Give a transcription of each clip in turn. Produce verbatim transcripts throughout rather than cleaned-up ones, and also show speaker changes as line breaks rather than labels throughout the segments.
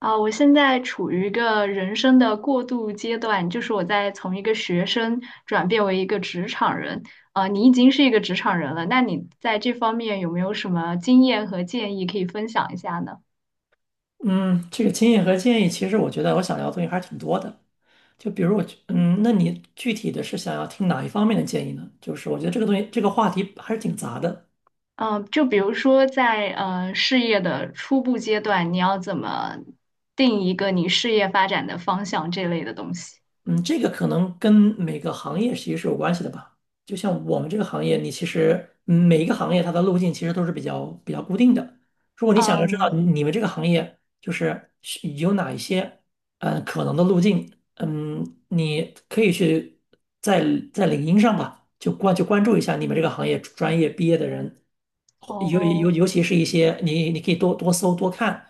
啊，我现在处于一个人生的过渡阶段，就是我在从一个学生转变为一个职场人。啊，你已经是一个职场人了，那你在这方面有没有什么经验和建议可以分享一下呢？
嗯，这个经验和建议，其实我觉得我想聊的东西还是挺多的。就比如我，嗯，那你具体的是想要听哪一方面的建议呢？就是我觉得这个东西，这个话题还是挺杂的。
嗯、就比如说在呃事业的初步阶段，你要怎么定一个你事业发展的方向这类的东西？
嗯，这个可能跟每个行业其实是有关系的吧。就像我们这个行业，你其实嗯每一个行业它的路径其实都是比较比较固定的。如果你想要知道你
嗯。
你们这个行业就是是有哪一些嗯可能的路径，嗯，你可以去在在领英上吧，就关就关注一下你们这个行业专业毕业的人，尤尤
哦。
尤其是一些你你可以多多搜多看，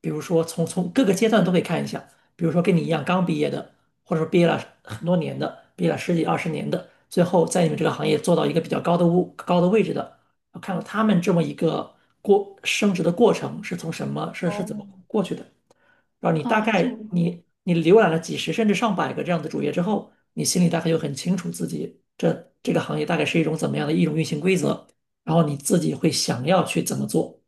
比如说从从各个阶段都可以看一下，比如说跟你一样刚毕业的。或者说毕业了很多年的，毕业了十几二十年的，最后在你们这个行业做到一个比较高的物高的位置的，我看到他们这么一个过升职的过程是从什么是是怎
哦。
么过去的，然后你大
嗯，这。
概你你浏览了几十甚至上百个这样的主页之后，你心里大概就很清楚自己这这个行业大概是一种怎么样的一种运行规则，然后你自己会想要去怎么做。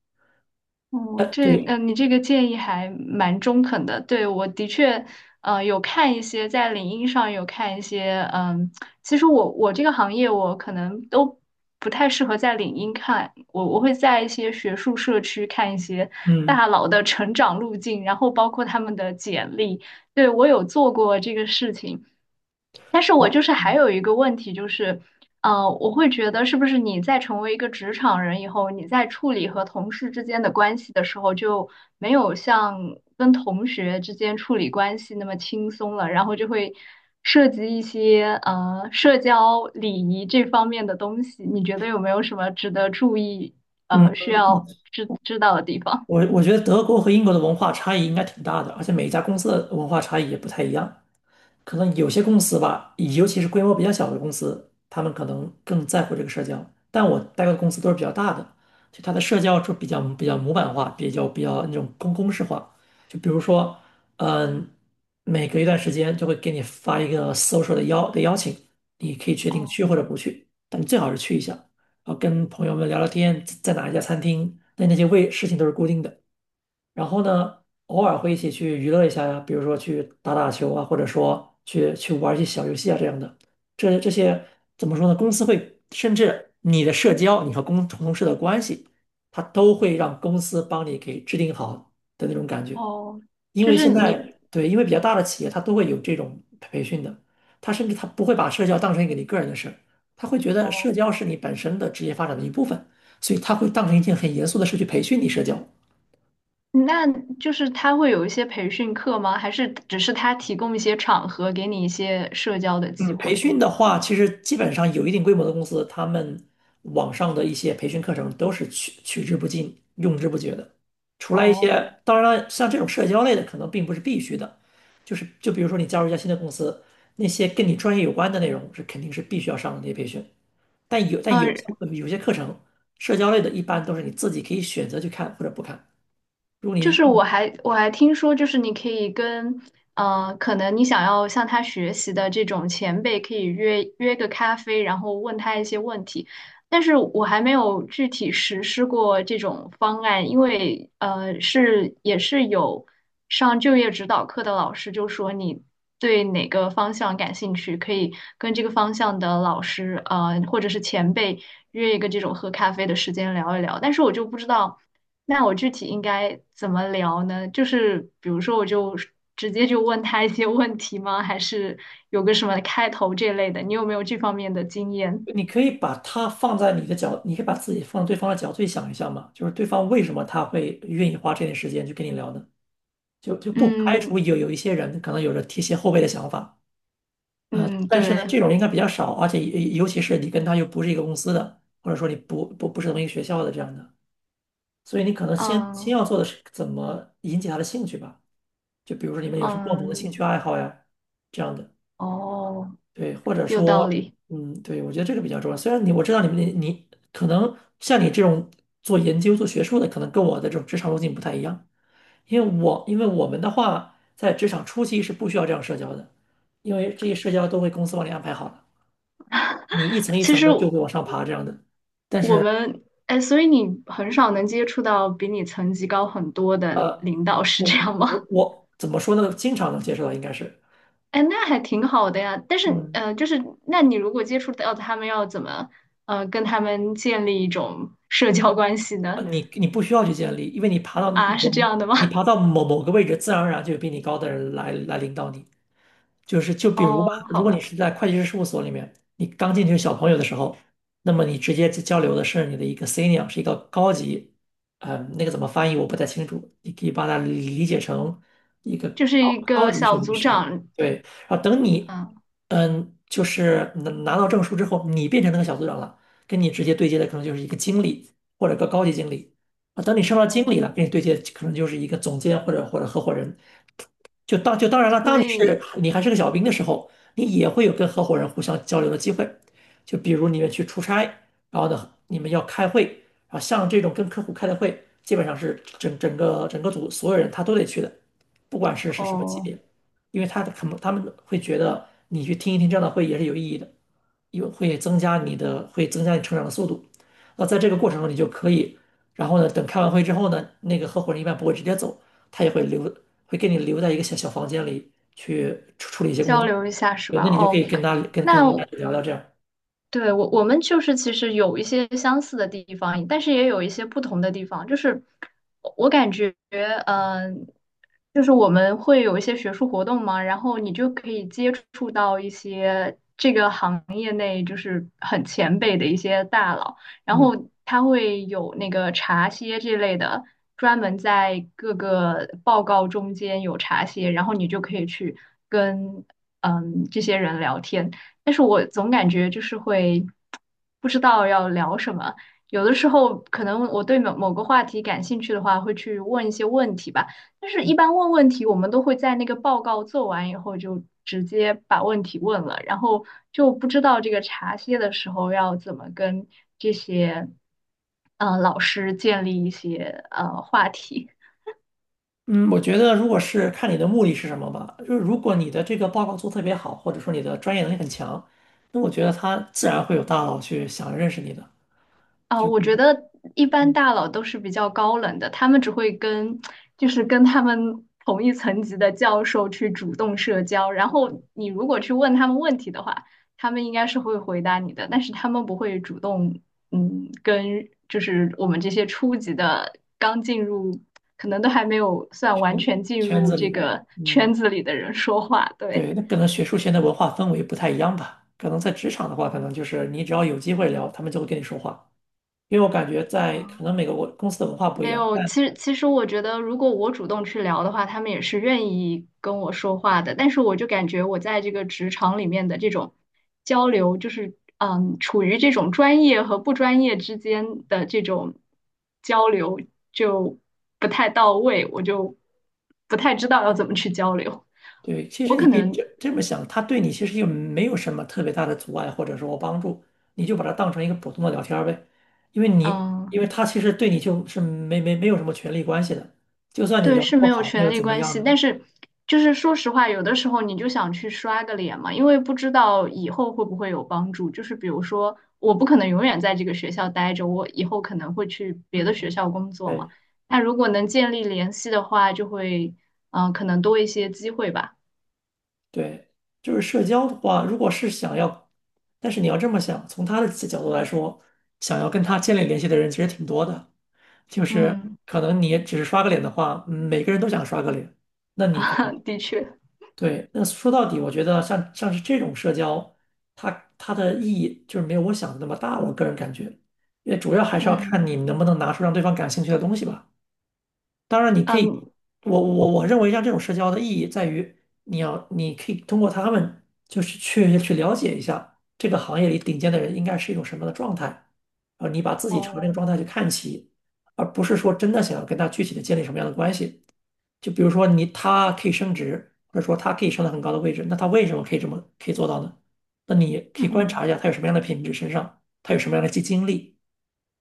嗯，
呃，
这嗯、
对。
呃你这个建议还蛮中肯的。对，我的确，呃，有看一些在领英上有看一些，嗯，其实我我这个行业我可能都不太适合在领英看，我我会在一些学术社区看一些
嗯，
大佬的成长路径，然后包括他们的简历。对，我有做过这个事情。但是我就
好，
是还有一个问题，就是，呃，我会觉得是不是你在成为一个职场人以后，你在处理和同事之间的关系的时候，就没有像跟同学之间处理关系那么轻松了，然后就会涉及一些呃社交礼仪这方面的东西，你觉得有没有什么值得注意，
嗯。
呃，需要知知道的地方？
我我觉得德国和英国的文化差异应该挺大的，而且每一家公司的文化差异也不太一样。可能有些公司吧，尤其是规模比较小的公司，他们可能更在乎这个社交。但我待过的公司都是比较大的，就它的社交就比较比较模板化，比较比较那种公公式化。就比如说，嗯，每隔一段时间就会给你发一个 social 的邀的邀请，你可以决定去或
哦
者不去，但你最好是去一下，然后跟朋友们聊聊天，在哪一家餐厅，那那些位事情都是固定的。然后呢，偶尔会一起去娱乐一下呀，比如说去打打球啊，或者说去去玩一些小游戏啊这样的。这这些怎么说呢？公司会甚至你的社交，你和公同事的关系，他都会让公司帮你给制定好的那种感觉。
哦
因
就
为
是
现
你。
在对，因为比较大的企业它都会有这种培训的，他甚至他不会把社交当成一个你个人的事儿，他会觉得社
哦。
交是你本身的职业发展的一部分，所以他会当成一件很严肃的事去培训你社交。
那就是他会有一些培训课吗？还是只是他提供一些场合，给你一些社交的机
嗯，培
会？
训的话，其实基本上有一定规模的公司，他们网上的一些培训课程都是取取之不尽、用之不绝的。除了一些，
哦。
当然了，像这种社交类的，可能并不是必须的，就是就比如说你加入一家新的公司，那些跟你专业有关的内容是肯定是必须要上的那些培训。但有但有
嗯。
些有些课程，社交类的，一般都是你自己可以选择去看或者不看。如果
就
你
是我还我还听说，就是你可以跟，呃，可能你想要向他学习的这种前辈，可以约约个咖啡，然后问他一些问题。但是我还没有具体实施过这种方案，因为呃，是也是有上就业指导课的老师就说你对哪个方向感兴趣，可以跟这个方向的老师，呃，或者是前辈约一个这种喝咖啡的时间聊一聊，但是我就不知道，那我具体应该怎么聊呢？就是比如说，我就直接就问他一些问题吗？还是有个什么开头这类的？你有没有这方面的经验？
你可以把他放在你的角，你可以把自己放在对方的角度去想一下嘛，就是对方为什么他会愿意花这点时间去跟你聊呢？就就不排
嗯
除有有一些人可能有着提携后辈的想法，呃，
嗯，
但是呢，
对，
这种应该比较少，而且尤尤其是你跟他又不是一个公司的，或者说你不不不是同一个学校的这样的，所以你可能先先
嗯
要做的是怎么引起他的兴趣吧，就比如说你们有什么共同的兴
嗯，
趣爱好呀，这样的。
哦，
对，或者
有道
说，
理。
嗯，对，我觉得这个比较重要。虽然你我知道你们你你可能像你这种做研究、做学术的，可能跟我的这种职场路径不太一样，因为我因为我们的话，在职场初期是不需要这样社交的，因为这些社交都会公司帮你安排好了，你一层一
其
层
实
的就会往上爬这样的。但
我
是
们，哎，所以你很少能接触到比你层级高很多的
呃，
领导，是这样吗？
我我怎么说呢？经常能接受到应该是，
哎，那还挺好的呀。但是，
嗯，
呃，就是，那你如果接触到他们，要怎么，呃，跟他们建立一种社交关系呢？
啊，你你不需要去建立，因为你爬到某
啊，是这样的吗？
你爬到 某某个位置，自然而然就有比你高的人来来领导你。就是就比如吧，
哦，
如
好
果你是
吧，
在会计师事务所里面，你刚进去小朋友的时候，那么你直接交流的是你的一个 senior,是一个高级，嗯，那个怎么翻译我不太清楚，你可以把它理解成一个
就是
高
一
高
个
级
小
审计
组
师，
长，
对。然后等你，
嗯，
嗯，就是拿拿到证书之后，你变成那个小组长了，跟你直接对接的可能就是一个经理或者个高级经理。啊，等你升到经理了，
哦，
跟你对接可能就是一个总监或者或者合伙人。就当就当然了，
所
当你是
以，
你还是个小兵的时候，你也会有跟合伙人互相交流的机会。就比如你们去出差，然后呢，你们要开会，啊，像这种跟客户开的会，基本上是整整个整个组所有人他都得去的，不管是是什么级
哦。
别，因为他可能他们会觉得你去听一听这样的会也是有意义的，有会增加你的会增加你成长的速度。那在这个过程中，你就可以，然后呢，等开完会之后呢，那个合伙人一般不会直接走，他也会留，会给你留在一个小小房间里去处处理一些工
交
作。
流一下是
对，
吧？
那你就可
哦，
以跟他跟跟
那
跟他
我
聊聊这样。
对我我们就是其实有一些相似的地方，但是也有一些不同的地方。就是我我感觉，嗯、就是我们会有一些学术活动嘛，然后你就可以接触到一些这个行业内就是很前辈的一些大佬。然
嗯
后它会有那个茶歇这类的，专门在各个报告中间有茶歇，然后你就可以去跟嗯这些人聊天。但是我总感觉就是会不知道要聊什么，有的时候可能我对某某个话题感兴趣的话，会去问一些问题吧。但是，一般问问题，我们都会在那个报告做完以后就直接把问题问了，然后就不知道这个茶歇的时候要怎么跟这些呃老师建立一些呃话题。
嗯，我觉得如果是看你的目的是什么吧，就是如果你的这个报告做得特别好，或者说你的专业能力很强，那我觉得他自然会有大佬去想认识你的，
啊，
就是
我觉得一般
嗯
大佬都是比较高冷的，他们只会跟，就是跟他们同一层级的教授去主动社交，然后你如果去问他们问题的话，他们应该是会回答你的，但是他们不会主动，嗯，跟就是我们这些初级的刚进入，可能都还没有算完
圈
全进
圈
入
子里
这
的，
个圈
嗯，
子里的人说话，对。
对，那可能学术圈的文化氛围不太一样吧。可能在职场的话，可能就是你只要有机会聊，他们就会跟你说话。因为我感觉在可能每个国公司的文化不一
没
样，
有，
但。
其实其实我觉得，如果我主动去聊的话，他们也是愿意跟我说话的。但是我就感觉我在这个职场里面的这种交流，就是嗯，处于这种专业和不专业之间的这种交流就不太到位，我就不太知道要怎么去交流。
对，其
我
实你
可
可以
能
这这么想，他对你其实又没有什么特别大的阻碍或者说帮助，你就把它当成一个普通的聊天儿呗，因为你
嗯，
因为他其实对你就是没没没有什么权利关系的，就算你
对，
聊得
是
不
没有
好，那
权
又
利
怎么
关
样
系，但
呢？
是就是说实话，有的时候你就想去刷个脸嘛，因为不知道以后会不会有帮助。就是比如说，我不可能永远在这个学校待着，我以后可能会去别
嗯，
的学校工作嘛。
对
那如果能建立联系的话，就会嗯、呃可能多一些机会吧。
对，就是社交的话，如果是想要，但是你要这么想，从他的角度来说，想要跟他建立联系的人其实挺多的，就是
嗯，
可能你只是刷个脸的话，嗯每个人都想刷个脸，那 你可
啊，
能。
的确，
对，那说到底，我觉得像像是这种社交，它它的意义就是没有我想的那么大。我个人感觉，因为主要还是要看
嗯
你能不能拿出让对方感兴趣的东西吧。当然，你可以，
嗯，
我我我认为像这种社交的意义在于，你要你可以通过他们，就是去去了解一下这个行业里顶尖的人应该是一种什么样的状态，而你把自己朝这个
哦，
状态去看齐，而不是说真的想要跟他具体的建立什么样的关系。就比如说你他可以升职，或者说他可以升到很高的位置，那他为什么可以这么可以做到呢？那你
嗯
可以观察一下
嗯。
他有什么样的品质身上，他有什么样的经经历。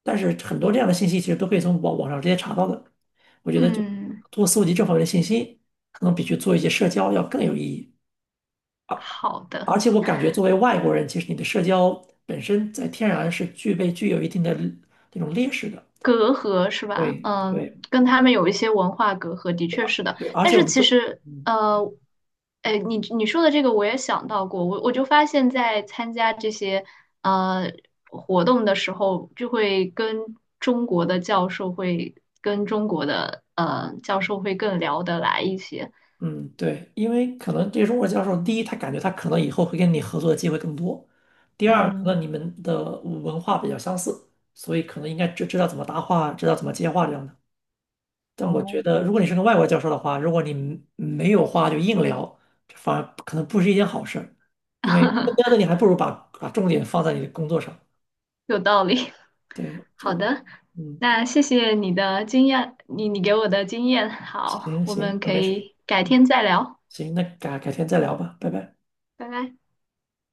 但是很多这样的信息其实都可以从网网上直接查到的。我觉得就通
嗯，
过搜集这方面的信息，可能比去做一些社交要更有意义。
好的。
而且我感觉作为外国人，其实你的社交本身在天然是具备具有一定的那种劣势的。
隔阂是吧？
对对
嗯，跟他们有一些文化隔阂，的确是的。
对，而
但
且我
是
们
其
中。
实，呃，哎，你你说的这个我也想到过，我我就发现，在参加这些呃活动的时候，就会跟中国的教授会跟中国的呃教授会更聊得来一些。
嗯，对，因为可能这个中国教授，第一，他感觉他可能以后会跟你合作的机会更多；第二，可
嗯，
能你们的文化比较相似，所以可能应该知知道怎么搭话，知道怎么接话这样的。但我觉
哦，
得，如果你是个外国教授的话，如果你没没有话就硬聊，这反而可能不是一件好事儿，因为更加的你还不如把把重点放在你的工作上。
有道理。
对，就
好
是
的，
嗯，
那谢谢你的经验，你你给我的经验。好，
行
我们
行，那
可
没事，
以改
嗯，
天再聊。
行，那改改天再聊吧，拜拜。
拜拜。